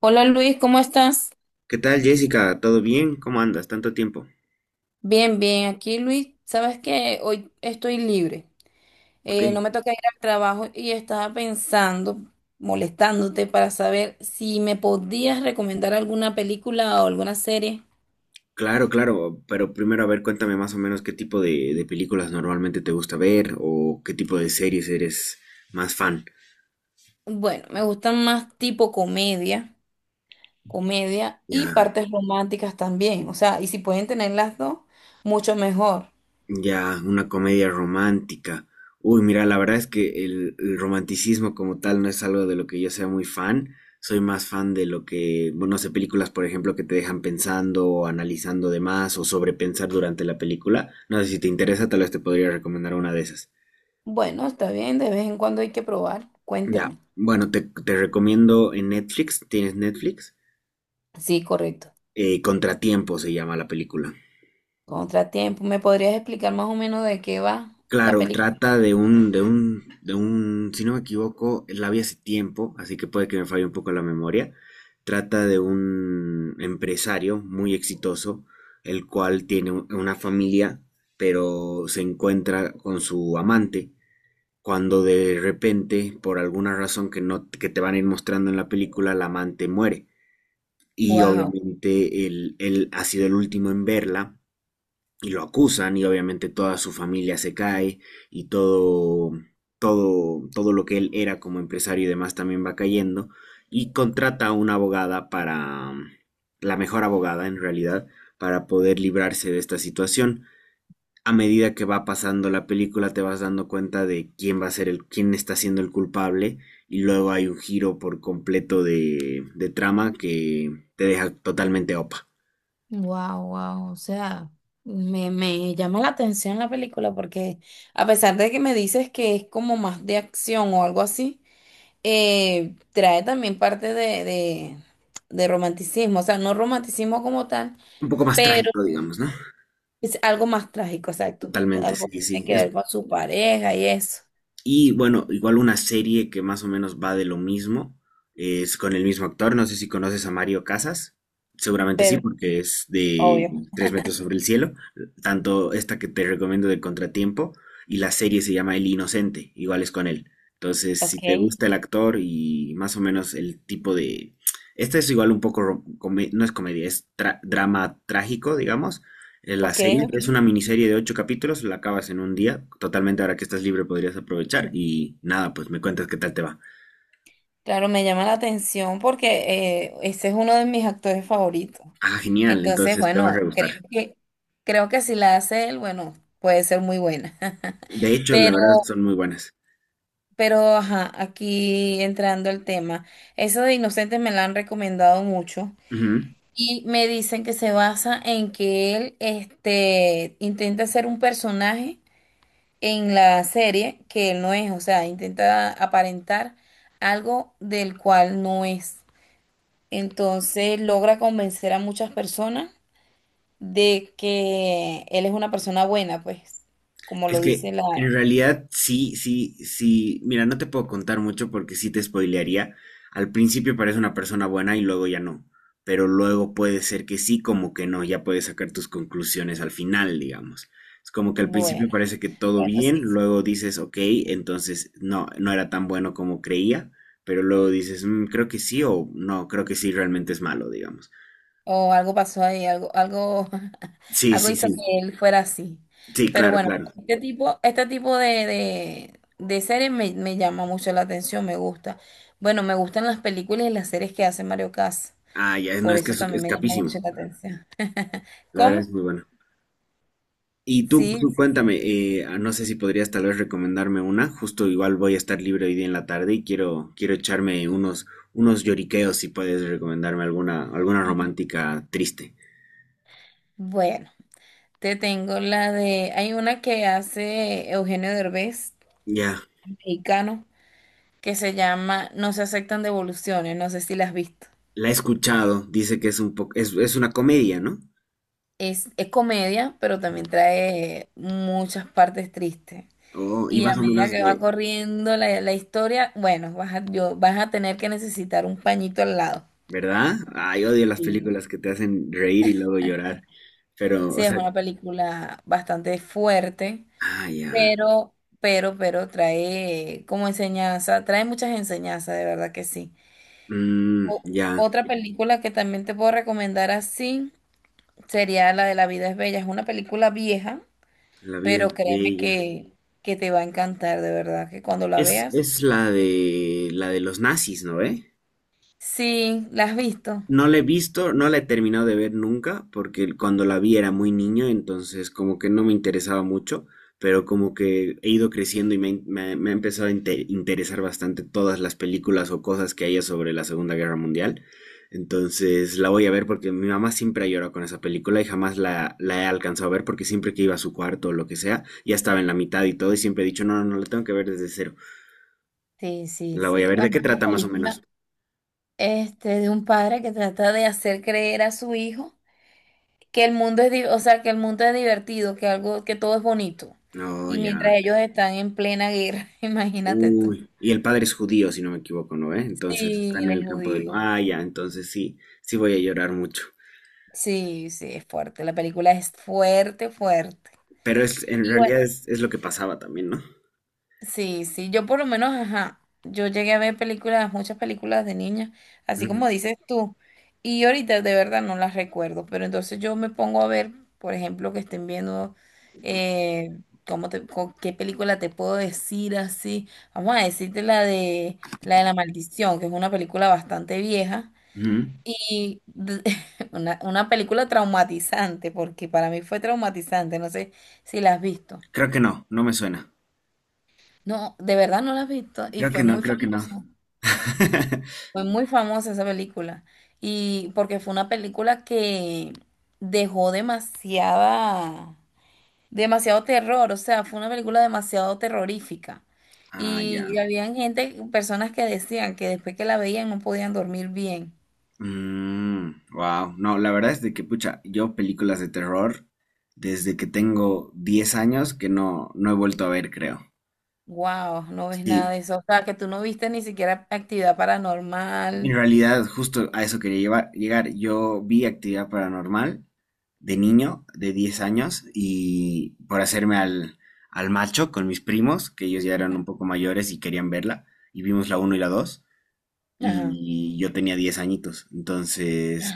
Hola Luis, ¿cómo estás? ¿Qué tal, Jessica? ¿Todo bien? ¿Cómo andas? Tanto tiempo. Bien, bien. Aquí Luis, sabes que hoy estoy libre. Ok, No me toca ir al trabajo y estaba pensando, molestándote para saber si me podías recomendar alguna película o alguna serie. claro, claro, pero primero a ver, cuéntame más o menos qué tipo de películas normalmente te gusta ver o qué tipo de series eres más fan. Bueno, me gustan más tipo comedia, comedia y Ya, partes románticas también. O sea, y si pueden tener las dos, mucho mejor. ya, una comedia romántica. Uy, mira, la verdad es que el romanticismo como tal no es algo de lo que yo sea muy fan. Soy más fan de lo que, bueno, no sé, películas, por ejemplo, que te dejan pensando o analizando de más o sobrepensar durante la película. No sé si te interesa, tal vez te podría recomendar una de esas. Bueno, está bien, de vez en cuando hay que probar. Ya, Cuéntame. bueno, te recomiendo en Netflix, tienes Netflix. Sí, correcto. Contratiempo se llama la película. Contratiempo. ¿Me podrías explicar más o menos de qué va la Claro, película? trata de un, si no me equivoco, la vi hace tiempo, así que puede que me falle un poco la memoria. Trata de un empresario muy exitoso, el cual tiene una familia, pero se encuentra con su amante, cuando de repente, por alguna razón que no, que te van a ir mostrando en la película, la amante muere. Y Wow, obviamente él ha sido el último en verla y lo acusan, y obviamente toda su familia se cae y todo, todo, todo, lo que él era como empresario y demás también va cayendo, y contrata a una abogada, para, la mejor abogada en realidad, para poder librarse de esta situación. A medida que va pasando la película te vas dando cuenta de quién va a ser el, quién está siendo el culpable, y luego hay un giro por completo de trama que te deja totalmente opa. wow, wow. O sea, me llama la atención la película porque a pesar de que me dices que es como más de acción o algo así, trae también parte de romanticismo. O sea, no romanticismo como tal, Un poco más pero trágico, digamos, ¿no? es algo más trágico, exacto. Totalmente, Algo que sí, sí. tiene que ver con su pareja y eso. Y bueno, igual una serie que más o menos va de lo mismo, es con el mismo actor, no sé si conoces a Mario Casas, seguramente sí, Pero, porque sí, es de obvio. Tres metros sobre el cielo. Tanto esta que te recomiendo de Contratiempo y la serie se llama El Inocente, igual es con él. Entonces, si Ok, te gusta el actor y más o menos el tipo de... Esta es igual un poco, no es comedia, es drama trágico, digamos. La ok, serie ok. es una miniserie de ocho capítulos, la acabas en un día, totalmente ahora que estás libre podrías aprovechar y nada, pues me cuentas qué tal te va. Claro, me llama la atención porque ese es uno de mis actores favoritos. Ah, genial, Entonces, entonces te va a re bueno, gustar. Creo que si la hace él, bueno, puede ser muy buena. De hecho, la Pero, verdad son muy buenas. pero, ajá, aquí entrando el tema, eso de Inocentes me la han recomendado mucho Ujú. y me dicen que se basa en que él, este, intenta ser un personaje en la serie que él no es, o sea, intenta aparentar algo del cual no es. Entonces logra convencer a muchas personas de que él es una persona buena, pues, como Es lo que dice la... en realidad sí, sí, sí. Mira, no te puedo contar mucho porque sí te spoilearía. Al principio parece una persona buena y luego ya no. Pero luego puede ser que sí, como que no. Ya puedes sacar tus conclusiones al final, digamos. Es como que al principio Bueno, parece que todo bueno, bien, sí, sí. luego dices, ok, entonces no, no era tan bueno como creía. Pero luego dices, "Mm, creo que sí o no, creo que sí realmente es malo, digamos. O algo pasó ahí, algo, algo, Sí, algo sí, hizo sí. que él fuera así. Sí, Pero claro, bueno, claro. Este tipo de series me llama mucho la atención, me gusta. Bueno, me gustan las películas y las series que hace Mario Casas. Ah, ya, no, Por es que eso es, también es me llama mucho capísimo. la atención. La verdad es ¿Cómo? muy bueno. Y tú, Sí, tú sí. cuéntame, ah, no sé si podrías tal vez recomendarme una, justo igual voy a estar libre hoy día en la tarde y quiero echarme unos, unos lloriqueos si puedes recomendarme alguna romántica triste. Bueno. Te tengo la de, hay una que hace Eugenio Derbez, Ya, mexicano, que se llama No se aceptan devoluciones, no sé si la has visto. la he escuchado, dice que es un poco, es una comedia, ¿no? Es comedia, pero también trae muchas partes tristes. Oh, y Y más a o medida menos que va de, corriendo la historia, bueno, vas a, yo, vas a tener que necesitar un pañito al lado. ¿verdad? Ay, odio las Sí. películas que te hacen reír y luego llorar, pero, Sí, o es sea, una película bastante fuerte, ah, ya, pero, pero trae como enseñanza, trae muchas enseñanzas, de verdad que sí. Mm, ya, Otra película que también te puedo recomendar así sería la de La vida es bella. Es una película vieja, la vida pero es créeme bella. Que te va a encantar, de verdad, que cuando la Es, veas. es la de los nazis, ¿no ve? Sí, ¿la has visto? No la he visto, no la he terminado de ver nunca, porque cuando la vi era muy niño, entonces como que no me interesaba mucho, pero como que he ido creciendo y me ha empezado a interesar bastante todas las películas o cosas que haya sobre la Segunda Guerra Mundial. Entonces la voy a ver porque mi mamá siempre ha llorado con esa película y jamás la he alcanzado a ver porque siempre que iba a su cuarto o lo que sea, ya estaba en la mitad y todo, y siempre he dicho, no, no, no, la tengo que ver desde cero. Sí, sí, La voy a sí. ver, ¿de Bueno, qué es una trata más o menos? película este, de un padre que trata de hacer creer a su hijo que el mundo es, o sea, que el mundo es divertido, que algo, que todo es bonito. Oh, Y mientras ya. ellos están en plena guerra, imagínate tú. Uy, y el padre es judío, si no me equivoco, ¿no? ¿Eh? Entonces está Sí, en él es el campo de. judío. Ah, ya, entonces sí, sí voy a llorar mucho. Sí, sí, es fuerte. La película es fuerte, fuerte. En Y bueno, realidad es lo que pasaba también, ¿no? sí, sí, yo por lo menos, ajá, yo llegué a ver películas, muchas películas de niña, así como Ujú, dices tú, y ahorita de verdad no las recuerdo, pero entonces yo me pongo a ver, por ejemplo, que estén viendo, eh, cómo qué película te puedo decir así, vamos a decirte la de, la de La Maldición, que es una película bastante vieja. ujú. Y una película traumatizante, porque para mí fue traumatizante, no sé si la has visto. Creo que no, no me suena. No, de verdad no la has visto y Creo que no, creo que no. Fue muy famosa esa película. Y porque fue una película que dejó demasiada, demasiado terror, o sea, fue una película demasiado terrorífica. Ah, Y ya. habían gente, personas que decían que después que la veían no podían dormir bien. Wow. No, la verdad es de que, pucha, yo películas de terror desde que tengo 10 años que no, no he vuelto a ver, creo. Wow, no ves nada Sí. de eso. O sea, que tú no viste ni siquiera actividad En paranormal. realidad, justo a eso quería llegar. Yo vi actividad paranormal de niño, de 10 años, y por hacerme al macho con mis primos, que ellos ya eran un poco mayores y querían verla, y vimos la uno y la dos, Ajá. y yo tenía 10 añitos. Entonces,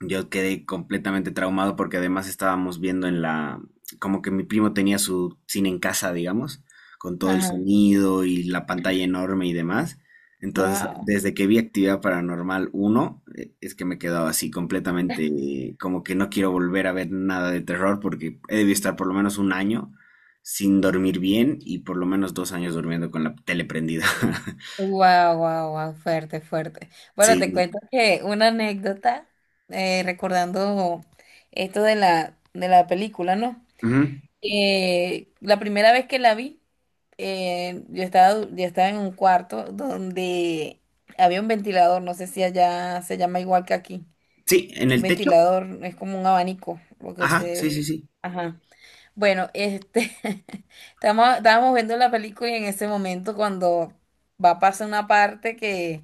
yo quedé completamente traumado porque además estábamos viendo como que mi primo tenía su cine en casa, digamos, con todo el Ajá. sonido y la pantalla enorme y demás. Entonces, Wow. desde que vi Actividad Paranormal uno, es que me quedaba así completamente, como que no quiero volver a ver nada de terror, porque he debido estar por lo menos un año sin dormir bien y por lo menos 2 años durmiendo con la tele prendida. Wow, wow, wow, fuerte, fuerte. Bueno, te Sí. cuento que una anécdota, recordando esto de de la película, ¿no? Ujú. La primera vez que la vi, yo estaba, yo estaba en un cuarto donde había un ventilador, no sé si allá se llama igual que aquí. Sí, en Un el techo. ventilador es como un abanico, lo que Ajá, usted... sí, sí, sí. Ajá. Bueno, este, estamos, estábamos viendo la película y en ese momento cuando va a pasar una parte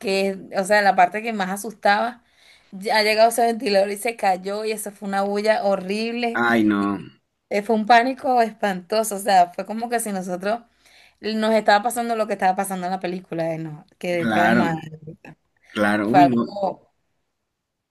que, o sea, la parte que más asustaba, ya ha llegado ese ventilador y se cayó y eso fue una bulla horrible Ay, y no. Fue un pánico espantoso, o sea, fue como que si nosotros nos estaba pasando lo que estaba pasando en la película, no, quedé traumada. Claro, claro, Fue uy, no, algo,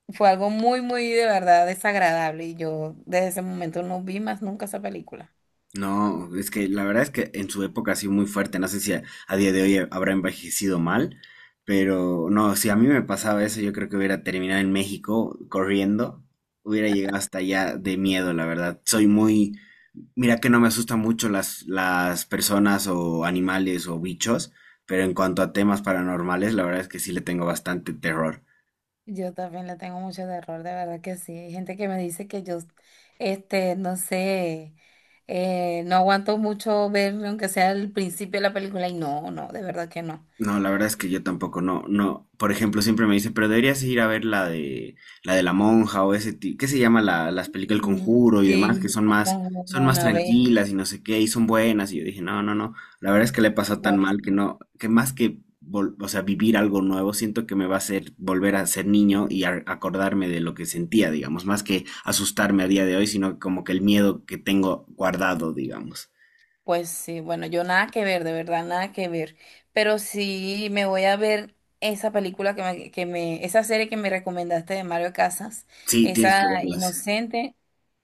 fue algo muy, muy de verdad desagradable y yo desde ese momento no vi más nunca esa película. no, es que la verdad es que en su época ha sido muy fuerte, no sé si a día de hoy habrá envejecido mal, pero no, si a mí me pasaba eso, yo creo que hubiera terminado en México corriendo, hubiera llegado hasta allá de miedo, la verdad. Mira que no me asustan mucho las personas o animales o bichos, pero en cuanto a temas paranormales, la verdad es que sí le tengo bastante terror. Yo también le tengo mucho terror, de verdad que sí. Hay gente que me dice que yo, este, no sé, no aguanto mucho ver aunque sea el principio de la película y no, no, de verdad que no. No, la verdad es que yo tampoco, no, no. Por ejemplo, siempre me dice, pero deberías ir a ver la de la monja o ese tipo, ¿qué se llama las películas El No, no. Conjuro y demás, que Sí, son más, con son más una vez, tranquilas y no sé qué, y son buenas. Y yo dije, no, no, no. La verdad es que le he pasado tan pues. mal que No. no, que más que o sea, vivir algo nuevo, siento que me va a hacer volver a ser niño y acordarme de lo que sentía, digamos, más que asustarme a día de hoy, sino como que el miedo que tengo guardado, digamos. Pues sí, bueno, yo nada que ver, de verdad, nada que ver. Pero sí me voy a ver esa película esa serie que me recomendaste de Mario Casas, Sí, tienes esa que verlas. Inocente,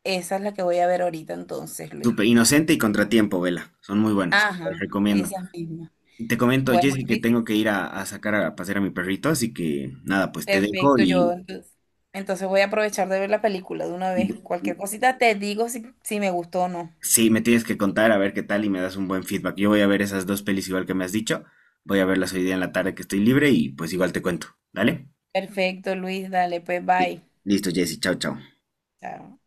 esa es la que voy a ver ahorita entonces, Luis. Súper inocente y contratiempo, vela. Son muy buenas, te las Ajá, recomiendo. esa misma. Te comento, Bueno, Jessy, que Luis, tengo que ir a sacar a pasear a mi perrito, así que nada, pues te dejo perfecto, y entonces voy a aprovechar de ver la película de una vez. Cualquier cosita te digo si me gustó o no. sí, me tienes que contar a ver qué tal y me das un buen feedback. Yo voy a ver esas dos pelis igual que me has dicho. Voy a verlas hoy día en la tarde que estoy libre y pues igual te cuento. ¿Dale? Perfecto, Luis, dale, pues bye. Listo, Jessy, chao, chao. Chao.